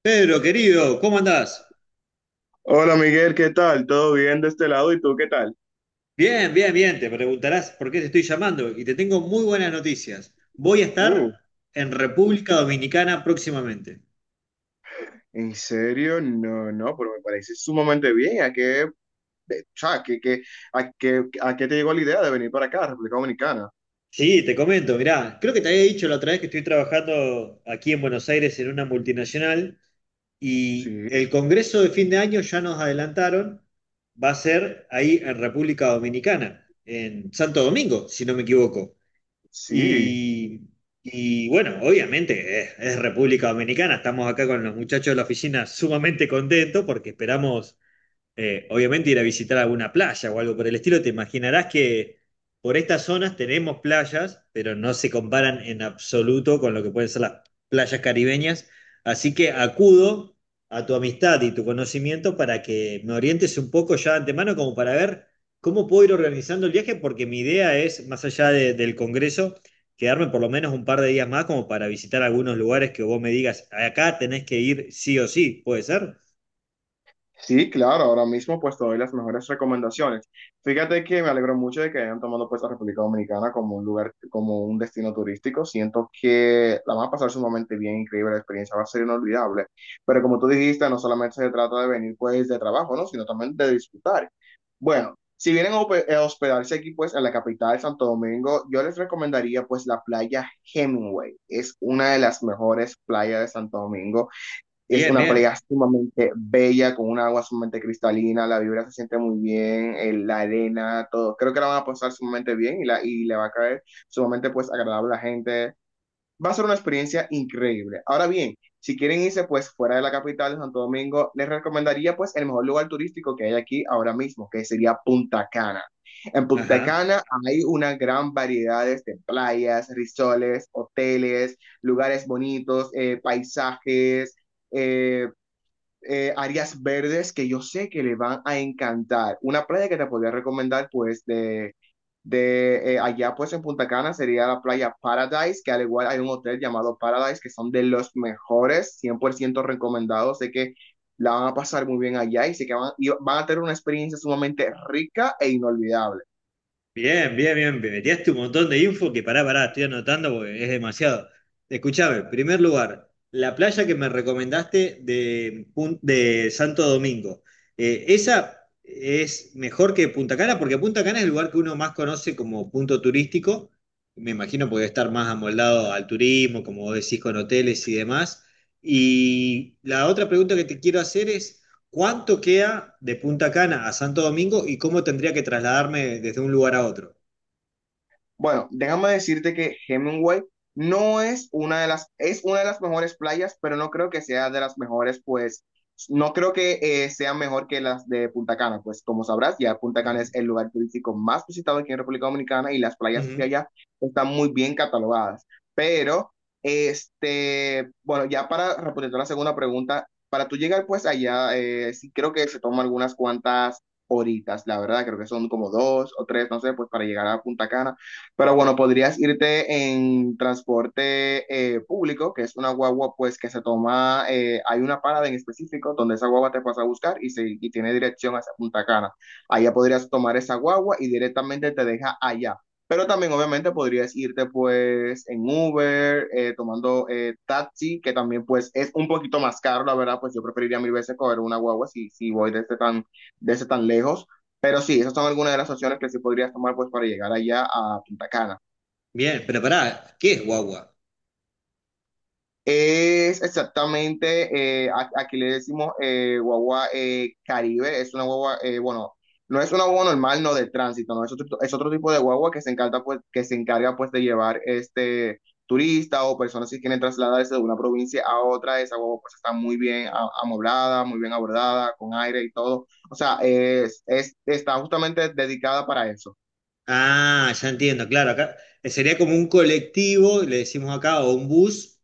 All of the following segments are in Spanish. Pedro, querido, ¿cómo andás? Hola Miguel, ¿qué tal? ¿Todo bien de este lado? ¿Y tú qué tal? Bien, bien, bien. Te preguntarás por qué te estoy llamando y te tengo muy buenas noticias. Voy a Uh, estar en República Dominicana próximamente. ¿En serio? No, no, pero me parece sumamente bien. ¿A qué, o sea, a qué te llegó la idea de venir para acá, República Dominicana? Sí, te comento, mirá, creo que te había dicho la otra vez que estoy trabajando aquí en Buenos Aires en una multinacional y Sí, el congreso de fin de año ya nos adelantaron, va a ser ahí en República Dominicana, en Santo Domingo, si no me equivoco. sí. Y, y bueno, obviamente es República Dominicana, estamos acá con los muchachos de la oficina sumamente contentos porque esperamos obviamente ir a visitar alguna playa o algo por el estilo, te imaginarás que por estas zonas tenemos playas, pero no se comparan en absoluto con lo que pueden ser las playas caribeñas. Así que acudo a tu amistad y tu conocimiento para que me orientes un poco ya de antemano, como para ver cómo puedo ir organizando el viaje, porque mi idea es, más allá del Congreso, quedarme por lo menos un par de días más como para visitar algunos lugares que vos me digas, acá tenés que ir sí o sí, ¿puede ser? Sí, claro, ahora mismo pues te doy las mejores recomendaciones. Fíjate que me alegro mucho de que hayan tomado pues la República Dominicana como un lugar, como un destino turístico. Siento que la van a pasar sumamente bien, increíble, la experiencia va a ser inolvidable. Pero como tú dijiste, no solamente se trata de venir pues de trabajo, ¿no? Sino también de disfrutar. Bueno, si vienen a hospedarse aquí pues en la capital, Santo Domingo, yo les recomendaría pues la playa Hemingway. Es una de las mejores playas de Santo Domingo. Es Bien, una playa bien. sumamente bella, con un agua sumamente cristalina, la vibra se siente muy bien, la arena, todo. Creo que la van a pasar sumamente bien y le va a caer sumamente pues agradable a la gente. Va a ser una experiencia increíble. Ahora bien, si quieren irse pues fuera de la capital de Santo Domingo, les recomendaría pues el mejor lugar turístico que hay aquí ahora mismo, que sería Punta Cana. En Punta Ajá. Cana hay una gran variedad de playas, risoles, hoteles, lugares bonitos, paisajes, eh, áreas verdes que yo sé que le van a encantar. Una playa que te podría recomendar, pues, de allá, pues, en Punta Cana sería la playa Paradise, que al igual hay un hotel llamado Paradise, que son de los mejores, 100% recomendados. Sé que la van a pasar muy bien allá y sé y van a tener una experiencia sumamente rica e inolvidable. Bien, bien, bien. Me metiaste un montón de info que pará, pará, estoy anotando porque es demasiado. Escuchame, en primer lugar, la playa que me recomendaste de Santo Domingo. ¿Esa es mejor que Punta Cana? Porque Punta Cana es el lugar que uno más conoce como punto turístico. Me imagino porque debe estar más amoldado al turismo, como vos decís, con hoteles y demás. Y la otra pregunta que te quiero hacer es: ¿Cuánto queda de Punta Cana a Santo Domingo y cómo tendría que trasladarme desde un lugar a otro? Bueno, déjame decirte que Hemingway no es una de las, es una de las mejores playas, pero no creo que sea de las mejores, pues, no creo que sea mejor que las de Punta Cana, pues como sabrás, ya Punta Cana Ujú, es el lugar turístico más visitado aquí en República Dominicana y las playas de ujú. allá están muy bien catalogadas. Pero, este, bueno, ya para responder la segunda pregunta, para tú llegar pues allá, sí creo que se toman algunas cuantas horitas, la verdad, creo que son como dos o tres, no sé, pues para llegar a Punta Cana. Pero bueno, podrías irte en transporte público, que es una guagua pues que se toma, hay una parada en específico donde esa guagua te pasa a buscar y tiene dirección hacia Punta Cana. Allá podrías tomar esa guagua y directamente te deja allá. Pero también obviamente podrías irte pues en Uber, tomando taxi, que también pues es un poquito más caro, la verdad, pues yo preferiría mil veces coger una guagua si voy desde desde tan lejos. Pero sí, esas son algunas de las opciones que sí podrías tomar pues para llegar allá a Punta Cana. Bien, pero pará, ¿qué es guagua? Es exactamente, aquí le decimos guagua Caribe, es una guagua, bueno, no es una guagua normal, no de tránsito, no, es otro tipo de guagua que se encarga pues, que se encarga pues de llevar este turista o personas que quieren trasladarse de una provincia a otra, esa guagua pues está muy bien amoblada, muy bien abordada, con aire y todo, o sea, está justamente dedicada para eso. Ah, ya entiendo, claro, acá sería como un colectivo, le decimos acá, o un bus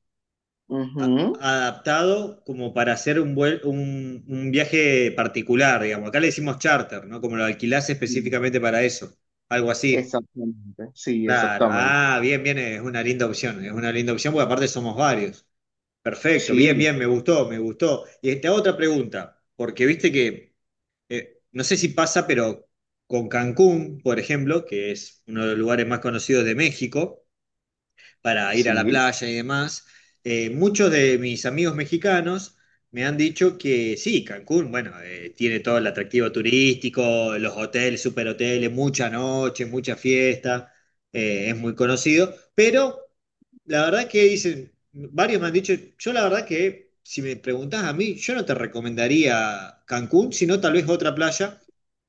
Ujú. adaptado como para hacer un viaje particular, digamos. Acá le decimos charter, ¿no? Como lo alquilás específicamente para eso, algo así. Claro, Exactamente. ah, bien, bien, es una linda opción, es una linda opción porque aparte somos varios. Perfecto, bien, Sí, bien, me gustó, me gustó. Y te hago otra pregunta, porque viste que, no sé si pasa, pero con Cancún, por ejemplo, que es uno de los lugares más conocidos de México, para ir a la sí, playa y demás, muchos de mis amigos mexicanos me han dicho que sí, Cancún, bueno, tiene todo el atractivo turístico, los hoteles, superhoteles, mucha noche, mucha fiesta, es muy conocido, pero la verdad que dicen, varios me han dicho, yo la verdad que si me preguntás a mí, yo no te recomendaría Cancún, sino tal vez otra playa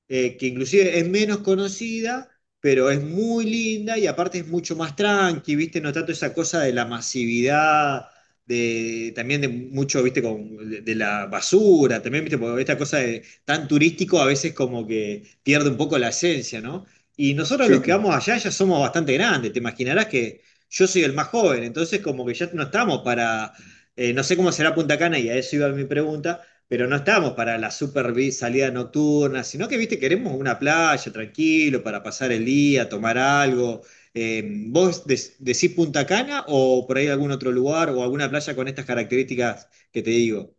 que inclusive es menos conocida, pero es muy linda y aparte es mucho más tranqui, ¿viste? No tanto esa cosa de la masividad, de, también de mucho, ¿viste? Con, de la basura, también, ¿viste? Porque esta cosa de tan turístico a veces como que pierde un poco la esencia, ¿no? Y nosotros sí. los que vamos allá ya somos bastante grandes, te imaginarás que yo soy el más joven, entonces como que ya no estamos para, no sé cómo será Punta Cana y a eso iba mi pregunta, pero no estamos para la super salida nocturna, sino que, viste, queremos una playa tranquilo para pasar el día, tomar algo. Eh, ¿Vos decís Punta Cana o por ahí algún otro lugar o alguna playa con estas características que te digo?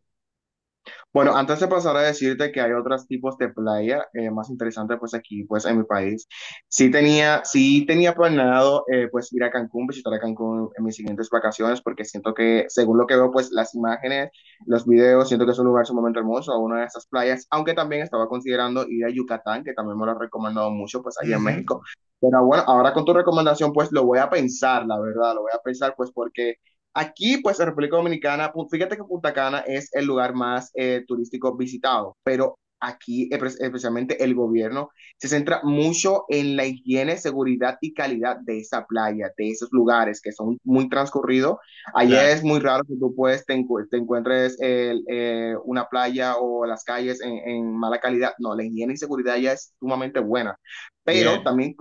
Bueno, antes de pasar a decirte que hay otros tipos de playa más interesantes, pues aquí, pues en mi país, sí tenía planeado, pues ir a Cancún, visitar a Cancún en mis siguientes vacaciones, porque siento que, según lo que veo, pues las imágenes, los videos, siento que es un lugar sumamente hermoso, una de esas playas, aunque también estaba considerando ir a Yucatán, que también me lo han recomendado mucho, pues allá en Ujú, México. Pero bueno, ahora con tu recomendación, pues lo voy a pensar, la verdad, lo voy a pensar, pues porque... Aquí, pues, en República Dominicana, fíjate que Punta Cana es el lugar más turístico visitado, pero aquí, especialmente el gobierno, se centra mucho en la higiene, seguridad y calidad de esa playa, de esos lugares que son muy transcurridos. Allá claro, es muy raro que tú, pues, te encuentres una playa o las calles en mala calidad. No, la higiene y seguridad ya es sumamente buena. Pero bien, también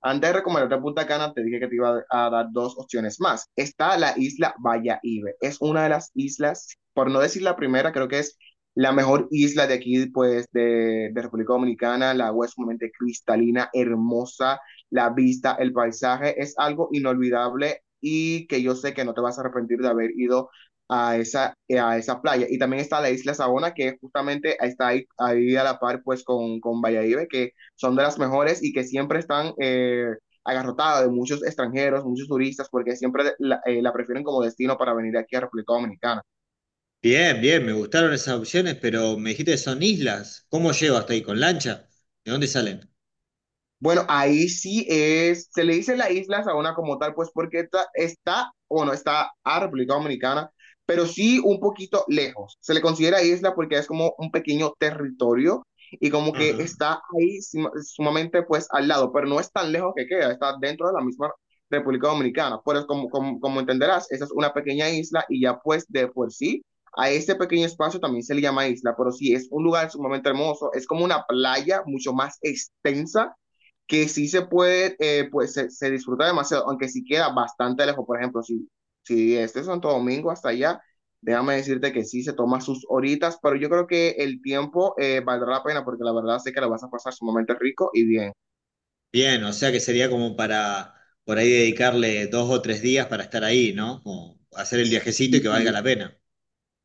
antes de recomendarte Punta Cana, te dije que te iba a dar dos opciones más. Está la isla Ibe. Es una de las islas, por no decir la primera, creo que es la mejor isla de aquí, pues, de República Dominicana. La agua es sumamente cristalina, hermosa. La vista, el paisaje, es algo inolvidable y que yo sé que no te vas a arrepentir de haber ido a esa playa. Y también está la isla Sabona, que justamente está ahí, ahí a la par, pues, con Valladolid, que son de las mejores y que siempre están agarrotadas de muchos extranjeros, muchos turistas, porque siempre la prefieren como destino para venir aquí a República Dominicana. bien, bien, me gustaron esas opciones, pero me dijiste que son islas, ¿cómo llego hasta ahí? ¿Con lancha? ¿De dónde salen? Bueno, ahí sí se le dice la isla Saona como tal, pues porque está bueno, está a República Dominicana, pero sí un poquito lejos. Se le considera isla porque es como un pequeño territorio y como que Ajá. está ahí sumamente pues al lado, pero no es tan lejos que queda, está dentro de la misma República Dominicana. Pero es como, como, como entenderás, esa es una pequeña isla y ya pues de por sí a ese pequeño espacio también se le llama isla, pero sí es un lugar sumamente hermoso, es como una playa mucho más extensa que sí se puede, pues disfruta demasiado, aunque sí queda bastante lejos. Por ejemplo, si es de Santo Domingo hasta allá, déjame decirte que sí se toma sus horitas, pero yo creo que el tiempo valdrá la pena porque la verdad sé que la vas a pasar sumamente rico y bien. Bien, o sea que sería como para por ahí dedicarle dos o tres días para estar ahí, ¿no? Como hacer el viajecito y que valga Sí, la pena.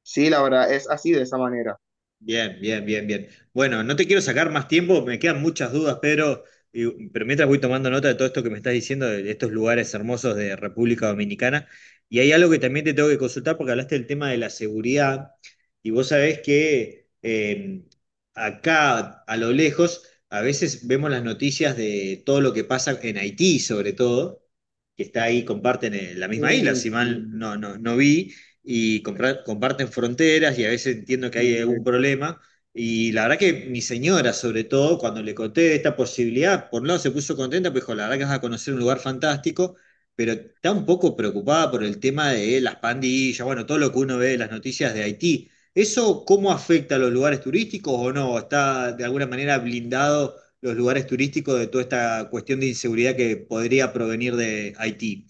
sí, la verdad es así de esa manera. Bien, bien, bien, bien. Bueno, no te quiero sacar más tiempo, me quedan muchas dudas, Pedro, pero mientras voy tomando nota de todo esto que me estás diciendo, de estos lugares hermosos de República Dominicana, y hay algo que también te tengo que consultar porque hablaste del tema de la seguridad, y vos sabés que acá a lo lejos a veces vemos las noticias de todo lo que pasa en Haití, sobre todo, que está ahí, comparten la misma isla, Uy, si mal sí, no, no, no vi y comparten fronteras y a veces entiendo que sí. hay algún problema. Y la verdad que mi señora, sobre todo, cuando le conté esta posibilidad, por un lado se puso contenta, pues dijo, la verdad que vas a conocer un lugar fantástico, pero está un poco preocupada por el tema de las pandillas, bueno, todo lo que uno ve en las noticias de Haití. ¿Eso cómo afecta a los lugares turísticos o no? ¿Está de alguna manera blindado los lugares turísticos de toda esta cuestión de inseguridad que podría provenir de Haití?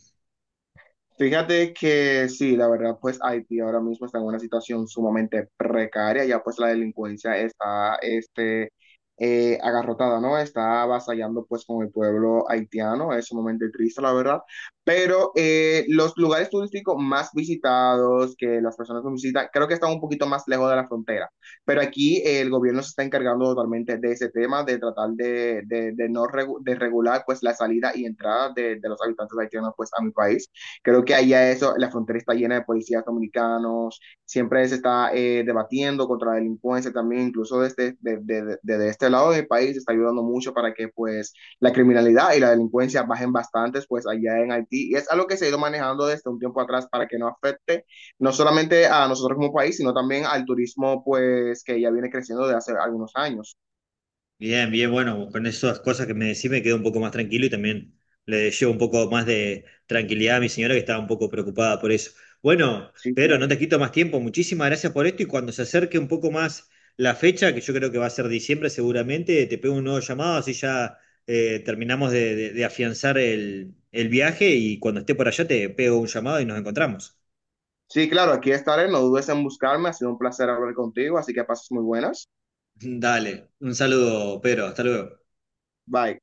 Fíjate que sí, la verdad, pues Haití ahora mismo está en una situación sumamente precaria, ya pues la delincuencia está este, agarrotada, ¿no? Está avasallando pues con el pueblo haitiano, es sumamente triste, la verdad, pero los lugares turísticos más visitados que las personas nos visitan, creo que están un poquito más lejos de la frontera, pero aquí el gobierno se está encargando totalmente de ese tema, de tratar de no de regular pues la salida y entrada de los habitantes haitianos pues a mi país. Creo que allá eso, la frontera está llena de policías dominicanos, siempre se está debatiendo contra la delincuencia también, incluso desde este lado del país se está ayudando mucho para que pues la criminalidad y la delincuencia bajen bastantes pues allá en Haití. Y es algo que se ha ido manejando desde un tiempo atrás para que no afecte no solamente a nosotros como país, sino también al turismo pues que ya viene creciendo desde hace algunos años. Bien, bien, bueno, con esas cosas que me decís me quedo un poco más tranquilo y también le llevo un poco más de tranquilidad a mi señora que estaba un poco preocupada por eso. Bueno, Sí, Pedro, no claro. te quito más tiempo, muchísimas gracias por esto y cuando se acerque un poco más la fecha, que yo creo que va a ser diciembre seguramente, te pego un nuevo llamado, así ya terminamos de afianzar el viaje y cuando esté por allá te pego un llamado y nos encontramos. Sí, claro, aquí estaré, no dudes en buscarme, ha sido un placer hablar contigo, así que pases muy buenas. Dale, un saludo, Pedro, hasta luego. Bye.